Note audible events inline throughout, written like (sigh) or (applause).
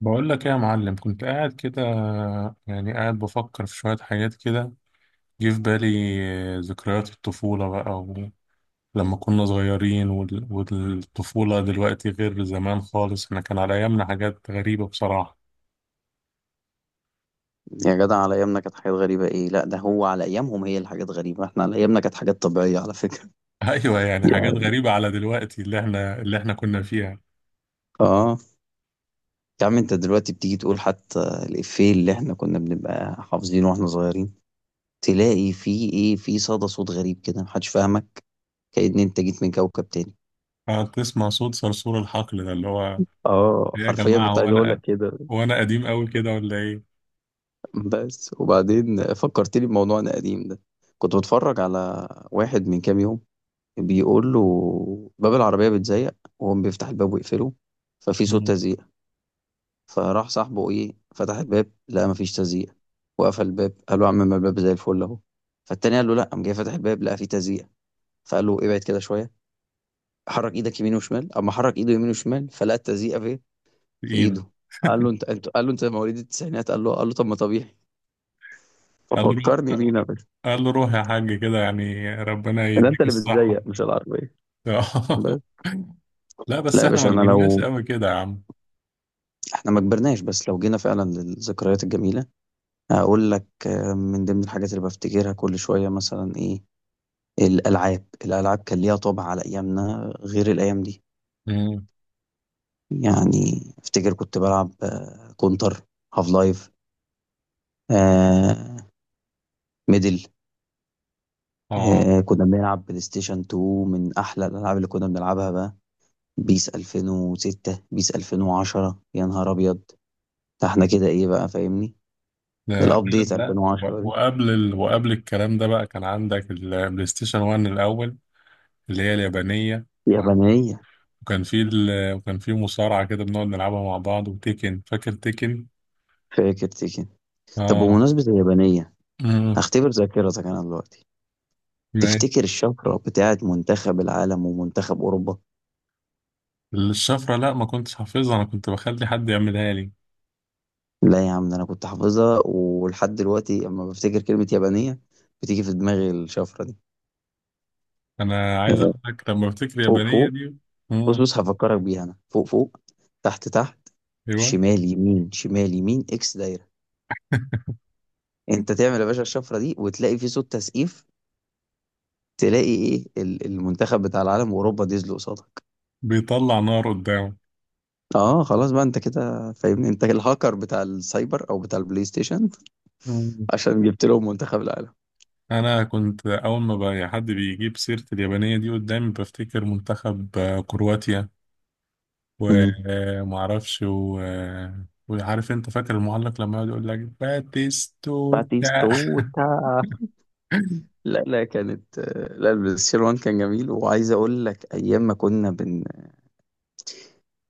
بقول لك ايه يا معلم؟ كنت قاعد كده، قاعد بفكر في شوية حاجات كده. جه في بالي ذكريات الطفولة بقى. ولما كنا صغيرين والطفولة دلوقتي غير زمان خالص. احنا كان على ايامنا حاجات غريبة بصراحة. يا جدع، على ايامنا كانت حاجات غريبة ايه؟ لا، ده هو على ايامهم هي الحاجات غريبة، احنا على ايامنا كانت حاجات طبيعية على فكرة. (laughs) ايوه، (laughs) حاجات يعني غريبة على دلوقتي، اللي احنا كنا فيها. اه، يا عم انت دلوقتي بتيجي تقول حتى الإفيه اللي احنا كنا بنبقى حافظينه واحنا صغيرين، تلاقي فيه ايه؟ في صدى صوت غريب كده، محدش فاهمك، كأن انت جيت من كوكب تاني. قاعد تسمع صوت صرصور الحقل ده اللي هو اه إيه يا حرفيا جماعة؟ كنت هو عايز اقول لك انا، كده. هو انا قديم قوي كده ولا ايه؟ بس وبعدين فكرتني بموضوعنا القديم ده، كنت بتفرج على واحد من كام يوم بيقول له باب العربية بيتزيق وهو بيفتح الباب ويقفله، ففي صوت مم. تزييق، فراح صاحبه ايه فتح الباب لقى مفيش تزييق، وقفل الباب قال له يا عم ما الباب زي الفل اهو. فالتاني قال له لا، قام جاي فاتح الباب لقى فيه تزييق، فقال له ابعد كده شوية، حرك ايدك يمين وشمال. اما حرك ايده يمين وشمال فلقى التزييق فين؟ في في ايده. ايده. قال له انت انت، قال له انت مواليد التسعينات، قال له قال له طب ما طبيعي. قال له روح، ففكرني بينا يا باشا، قال له روح يا حاج كده، ربنا ده انت يديك اللي الصحة. بتزيق مش العربية. بس (laughs) لا لا بس يا احنا باشا ما انا كبرناش لو قوي كده يا عم. احنا ما كبرناش، بس لو جينا فعلا للذكريات الجميلة أقول لك من ضمن الحاجات اللي بفتكرها كل شوية مثلا إيه؟ الألعاب، كان ليها طابع على أيامنا غير الأيام دي. مم. يعني أفتكر كنت بلعب كونتر، هاف لايف، آه، ميدل، اه، كنا بنلعب بلاي ستيشن 2، من أحلى الألعاب اللي كنا بنلعبها بقى. بيس 2006، بيس 2010، يا نهار أبيض، ده إحنا كده إيه بقى فاهمني، لا لا الأبديت لا. 2010 دي وقبل وقبل الكلام ده بقى كان عندك البلاي ستيشن 1 الاول، اللي هي اليابانيه. يابانية. وكان في وكان في مصارعه كده بنقعد نلعبها مع بعض، وتيكن، فاكر تيكن؟ فاكر تيكن؟ طب اه. بمناسبة اليابانية، امم. هختبر ذاكرتك أنا دلوقتي، ماشي. تفتكر الشفرة بتاعت منتخب العالم ومنتخب أوروبا؟ الشفره لا، ما كنتش حافظها، انا كنت بخلي حد يعملها لي. لا يا عم، ده أنا كنت حافظها ولحد دلوقتي لما بفتكر كلمة يابانية بتيجي في دماغي الشفرة دي. انا عايز آه، اقول لك لما بفتكر فوق اليابانيه فوق، دي. بص امم. بص هفكرك بيها أنا. فوق فوق، تحت تحت، ايوه. شمال يمين شمال يمين، إكس دايرة. أنت تعمل يا باشا الشفرة دي وتلاقي في صوت تسقيف، تلاقي إيه المنتخب بتاع العالم وأوروبا ديزل قصادك. بيطلع نار قدامه. اه خلاص بقى، انت كده فاهمني، انت الهاكر بتاع السايبر او بتاع البلاي ستيشن، عشان جبت لهم منتخب العالم. انا كنت اول ما بقى حد بيجيب سيره اليابانيه دي قدامي بفتكر منتخب كرواتيا. ومعرفش و... آه، وعارف انت، فاكر المعلق لما يقعد يقول لك باتيستوتا؟ (laughs) باتيستوتا. لا كانت، لا البلايستيشن 1 كان جميل. وعايز اقول لك ايام ما كنا بن...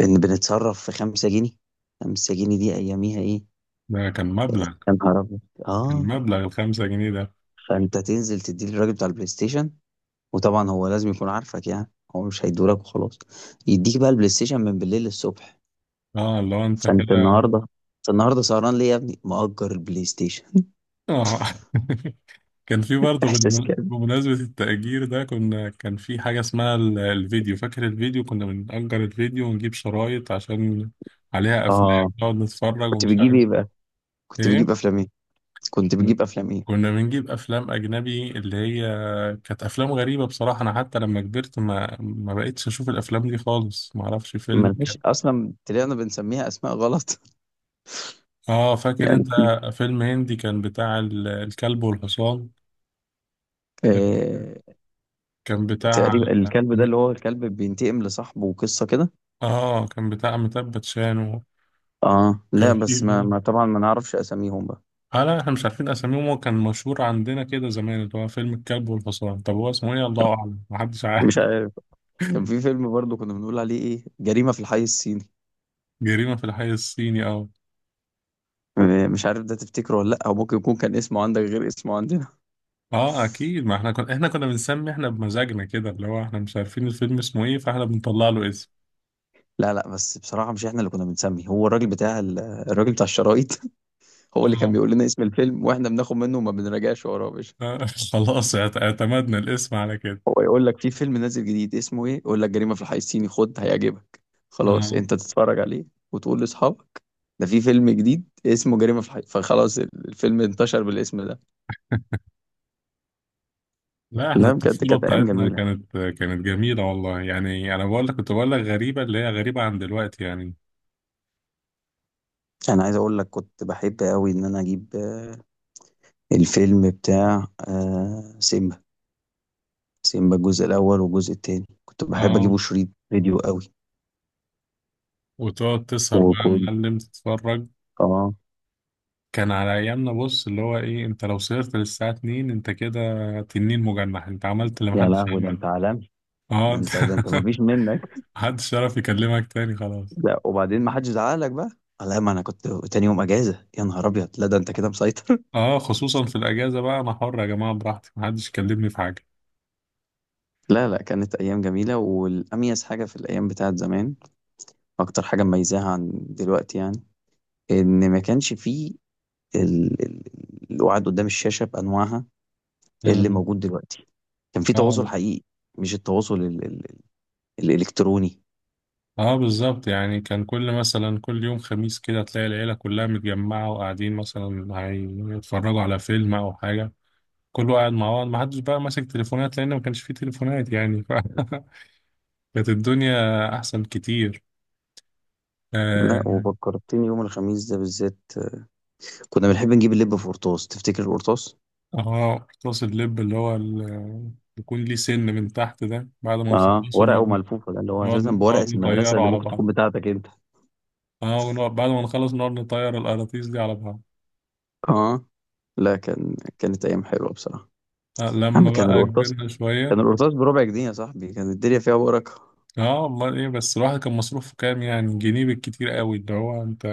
بن... بنتصرف في 5 جنيه. 5 جنيه دي اياميها ايه، ده كان مبلغ، يا نهار ابيض. كان اه، مبلغ الخمسة جنيه ده. فانت تنزل تديه للراجل بتاع البلاي ستيشن، وطبعا هو لازم يكون عارفك، يعني هو مش هيدولك وخلاص، يديك بقى البلاي ستيشن من بالليل للصبح. اه، اللي هو انت فانت كده. النهارده، انت النهارده سهران ليه يا ابني؟ مأجر البلاي ستيشن. اه. (laughs) كان في (laughs) برضه احساس كده. بمناسبة التأجير ده، كنا كان في حاجة اسمها الفيديو، فاكر الفيديو؟ كنا بنأجر الفيديو ونجيب شرايط عشان عليها أفلام اه، نقعد نتفرج كنت ومش بتجيب عارف ايه بقى؟ كنت بتجيب ايه. افلام ايه؟ كنت بتجيب افلام ايه؟ كنا بنجيب افلام اجنبي اللي هي كانت افلام غريبه بصراحه. انا حتى لما كبرت ما بقتش اشوف الافلام دي خالص، ما اعرفش فيلم كان. ملهاش اصلا، طلعنا بنسميها اسماء غلط. (laughs) اه، فاكر يعني انت؟ فيلم هندي كان بتاع الكلب والحصان. آه، كان بتاع، تقريبا الكلب ده اللي هو الكلب بينتقم لصاحبه وقصه كده. اه، كان بتاع أميتاب باتشان. اه، لا وكان في بس ما, ما طبعا ما نعرفش اساميهم بقى، اه لا، احنا مش عارفين اساميهم. هو كان مشهور عندنا كده زمان اللي هو فيلم الكلب والحصان، طب هو اسمه ايه؟ الله اعلم، محدش مش عارف. عارف. كان في فيلم برضه كنا بنقول عليه ايه، جريمه في الحي الصيني. (laughs) جريمة في الحي الصيني، اه. مش عارف ده تفتكره ولا لا، او ممكن يكون كان اسمه عندك غير اسمه عندنا. اه اكيد، ما احنا كنا، احنا كنا بنسمي احنا بمزاجنا كده. اللي هو احنا مش عارفين الفيلم اسمه ايه، فاحنا بنطلع له اسم. لا بس بصراحه، مش احنا اللي كنا بنسمي، هو الراجل بتاع الراجل بتاع الشرايط. (laughs) هو اللي كان اه. بيقول لنا اسم الفيلم واحنا بناخد منه وما بنراجعش وراه يا باشا. آه، (laughs) خلاص، اعتمدنا الاسم على كده. هو يقول لك في فيلم نازل جديد، اسمه ايه؟ يقول لك جريمة في الحي الصيني، خد هيعجبك. خلاص اه انت تتفرج عليه وتقول لاصحابك ده في فيلم جديد اسمه جريمة في الحي، فخلاص الفيلم انتشر بالاسم ده. لا، احنا لا بجد الطفولة كانت ايام بتاعتنا جميلة. كانت جميلة والله. يعني انا بقول لك كنت بقول لك غريبة، اللي هي غريبة عن دلوقتي يعني. انا عايز اقول لك كنت بحب قوي ان انا اجيب الفيلم بتاع سيمبا. سيمبا الجزء الاول والجزء التاني كنت بحب اجيبه اه، شريط فيديو قوي. وتقعد تسهر بقى يا وكنت، معلم تتفرج. اه، كان على ايامنا بص، اللي هو ايه، انت لو سهرت للساعة 2 انت كده تنين مجنح، انت عملت اللي يا محدش لهوي ده انت عمله. عالمي، اه ده انت. انت، ده انت ما فيش منك. (laughs) محدش يعرف يكلمك تاني خلاص. لا وبعدين ما حدش زعق لك بقى؟ لا ما انا كنت تاني يوم اجازه، يا نهار ابيض، لا ده انت كده مسيطر. اه خصوصا في الاجازه بقى، انا حر يا جماعه براحتي، محدش يكلمني في حاجه. (laughs) لا لا، كانت ايام جميله. والاميز حاجه في الايام بتاعت زمان، اكتر حاجه مميزاها عن دلوقتي يعني، ان ما كانش فيه ال... ال... القعاد قدام الشاشه بانواعها اللي امم. موجود دلوقتي. كان في تواصل اه. حقيقي، مش التواصل الالكتروني. اه بالظبط، يعني كان كل مثلا كل يوم خميس كده تلاقي العيله كلها متجمعه، وقاعدين مثلا هيتفرجوا على فيلم او حاجه. كله قاعد مع بعض، محدش بقى ماسك تليفونات لان ما كانش فيه تليفونات يعني (laughs) كانت الدنيا احسن كتير. اه. لا وفكرتني، يوم الخميس ده بالذات كنا بنحب نجيب اللب في قرطاس. تفتكر القرطاس؟ قرطاس اللب اللي هو يكون ليه سن من تحت ده، بعد ما اه، نخلصه ورقه نقعد، وملفوفه، ده اللي هو اساسا بورقه نقعد المدرسه نطيره اللي على ممكن تكون بعض. بتاعتك انت. اه، ونقعد بعد ما نخلص نقعد نطير القراطيس دي على بعض. اه لا كان، كانت ايام حلوه بصراحه. آه يا لما عم كان بقى القرطاس، كبرنا شوية. كان القرطاس بربع جنيه يا صاحبي، كانت الدنيا فيها بركه. اه والله. ايه بس الواحد كان مصروفه كام؟ يعني جنيه بالكتير قوي، اللي هو انت.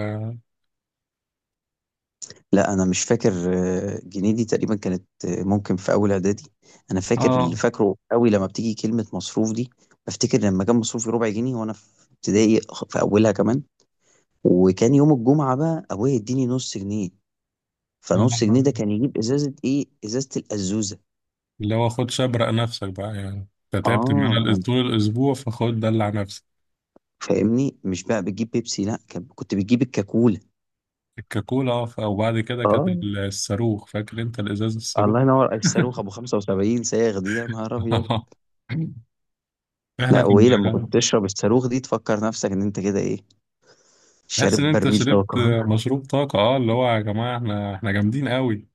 لا انا مش فاكر، جنيه دي تقريبا كانت، ممكن في اول اعدادي. انا فاكر اللي اه. فاكره قوي لما بتيجي كلمه مصروف دي، بفتكر لما كان مصروفي ربع جنيه وانا في ابتدائي، في اولها كمان. وكان يوم الجمعه بقى ابويا يديني نص جنيه، فنص جنيه ده آه، كان يجيب ازازه ايه، ازازه الازوزه. اللي هو خد شبرق نفسك بقى يعني. انت تعبت معانا اه طول الأسبوع فخد دلع نفسك. فاهمني، مش بقى بتجيب بيبسي، لا كان- كنت بتجيب الكاكولا. الكاكولا، اه. وبعد كده كانت اه الصاروخ، فاكر انت الإزاز الصاروخ؟ الله ينور، الصاروخ ابو 75 صاغ دي، يا نهار ابيض. (laughs) احنا لا وايه لما كنا، كنت تشرب الصاروخ دي، تفكر نفسك ان انت كده ايه، تحس شارب ان انت برميل شربت طاقه. مشروب طاقة. اه، اللي هو يا جماعة احنا، احنا جامدين قوي.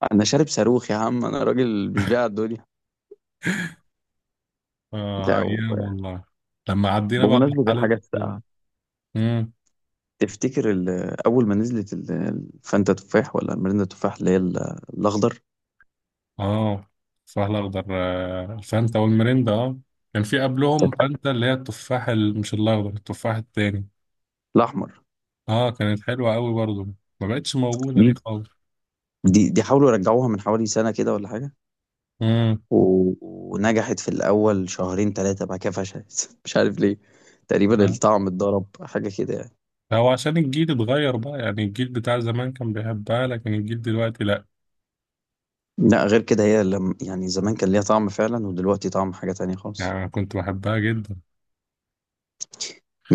(laughs) انا شارب صاروخ يا عم، انا راجل مش بيع الدنيا. اه، لا ايام و- والله. لما عدينا بقى بمناسبه مرحلة. الحاجات الساقعه، امم. تفتكر اول ما نزلت الفانتا تفاح ولا المريندا تفاح، اللي هي الاخضر. اه، التفاح الاخضر. الفانتا والمريندا، اه. كان في قبلهم فانتا اللي هي التفاح مش الاخضر، التفاح التاني. الاحمر اه، كانت حلوة قوي برضو. ما بقتش موجودة دي، دي خالص. دي حاولوا يرجعوها من حوالي سنه كده ولا حاجه، امم. و- ونجحت في الاول شهرين ثلاثه، بعد كده فشلت، (laughs) مش عارف ليه، تقريبا آه. الطعم اتضرب حاجه كده يعني. هو عشان الجيل اتغير بقى يعني. الجيل بتاع زمان كان بيحبها، لكن الجيل دلوقتي لا. لأ غير كده، هي لم يعني زمان كان ليها طعم فعلًا، ودلوقتي طعم حاجة تانية يعني خالص. انا كنت بحبها جدا.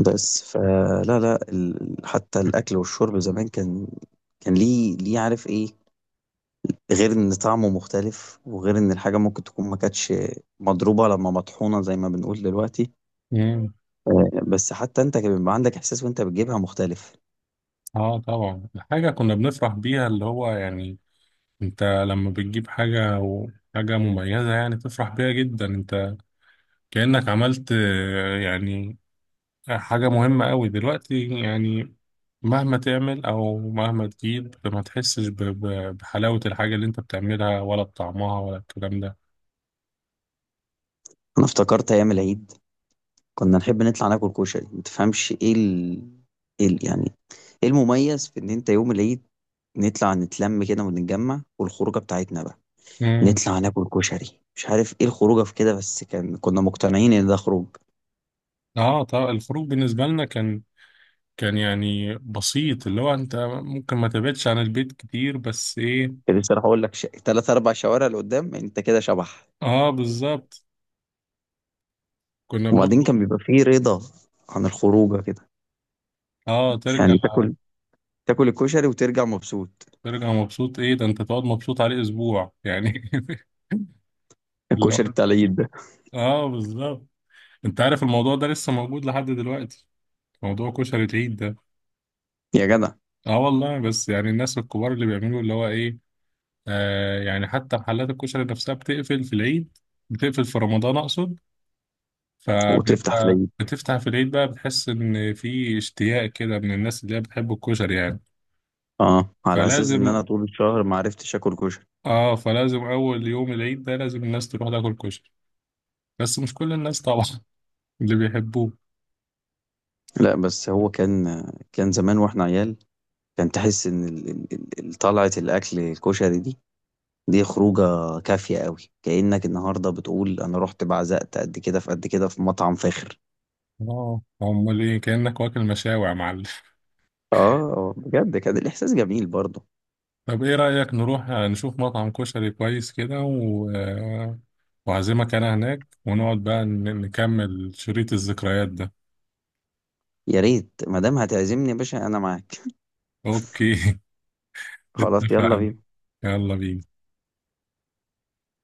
بس فلا، لأ لا، ال حتى الأكل والشرب زمان كان، كان ليه ليه عارف إيه، غير إن طعمه مختلف، وغير إن الحاجة ممكن تكون ما كانتش مضروبة لمّا مطحونة زي ما بنقول دلوقتي، امم. بس حتى أنت كان بيبقى عندك إحساس وأنت بتجيبها مختلف. اه طبعا، حاجة كنا بنفرح بيها اللي هو يعني. انت لما بتجيب حاجة، وحاجة مميزة يعني، تفرح بيها جدا انت. كأنك عملت، يعني حاجة مهمة قوي دلوقتي يعني. مهما تعمل او مهما تجيب ما تحسش بحلاوة الحاجة اللي انت بتعملها، ولا بطعمها، ولا الكلام ده. أنا افتكرت أيام العيد كنا نحب نطلع ناكل كشري. ما تفهمش ايه ايه يعني ايه المميز في ان انت يوم العيد نطلع نتلم كده ونتجمع والخروجه بتاعتنا بقى امم. نطلع ناكل كشري. مش عارف ايه الخروجه في كده، بس كان كنا مقتنعين ان ده خروج. اه طبعا الخروج بالنسبة لنا كان، كان يعني بسيط. اللي هو انت ممكن ما تبعدش عن البيت كتير، بس ايه. كنت لسه هقول لك تلات اربع شوارع لقدام انت كده شبح. اه بالظبط. كنا وبعدين بنخرج. كان بيبقى فيه رضا عن الخروجه كده، اه ترجع. يعني تاكل، تاكل الكشري وترجع مبسوط. ترجع مبسوط. ايه ده، انت تقعد مبسوط عليه اسبوع يعني. (laughs) اللي الكشري هو بتاع العيد ده، اه بالظبط. انت عارف الموضوع ده لسه موجود لحد دلوقتي، موضوع كشري العيد ده. يا جدع. اه والله. بس يعني الناس الكبار اللي بيعملوا اللي هو ايه. آه يعني حتى محلات الكشري نفسها بتقفل في العيد، بتقفل في رمضان اقصد. وتفتح في فبيبقى العيد، بتفتح في العيد بقى، بتحس ان في اشتياق كده من الناس اللي هي بتحب الكشري يعني. اه، على اساس ان فلازم، انا طول الشهر ما عرفتش اكل كشري. اه فلازم اول يوم العيد ده لازم الناس تروح تاكل كشري. بس مش كل الناس طبعا، اللي بيحبوه. لأ، بس هو كان، كان زمان وإحنا عيال، كان تحس إن ال ال ال ال طلعة الأكل الكشري دي، دي خروجة كافية أوي، كأنك النهارده بتقول أنا رُحت بعزقت قد كده في قد كده في مطعم فاخر. اه امال ايه، كأنك واكل مشاوي يا معلم. (laughs) بجد كان الإحساس جميل برضه. طب ايه رأيك نروح نشوف مطعم كشري كويس كده وعزمك انا هناك، ونقعد بقى نكمل شريط الذكريات ده. يا ريت ما دام هتعزمني يا باشا أنا معاك. اوكي. (laughs) (laughs) خلاص يالّا اتفقنا، بينا. يلا بينا.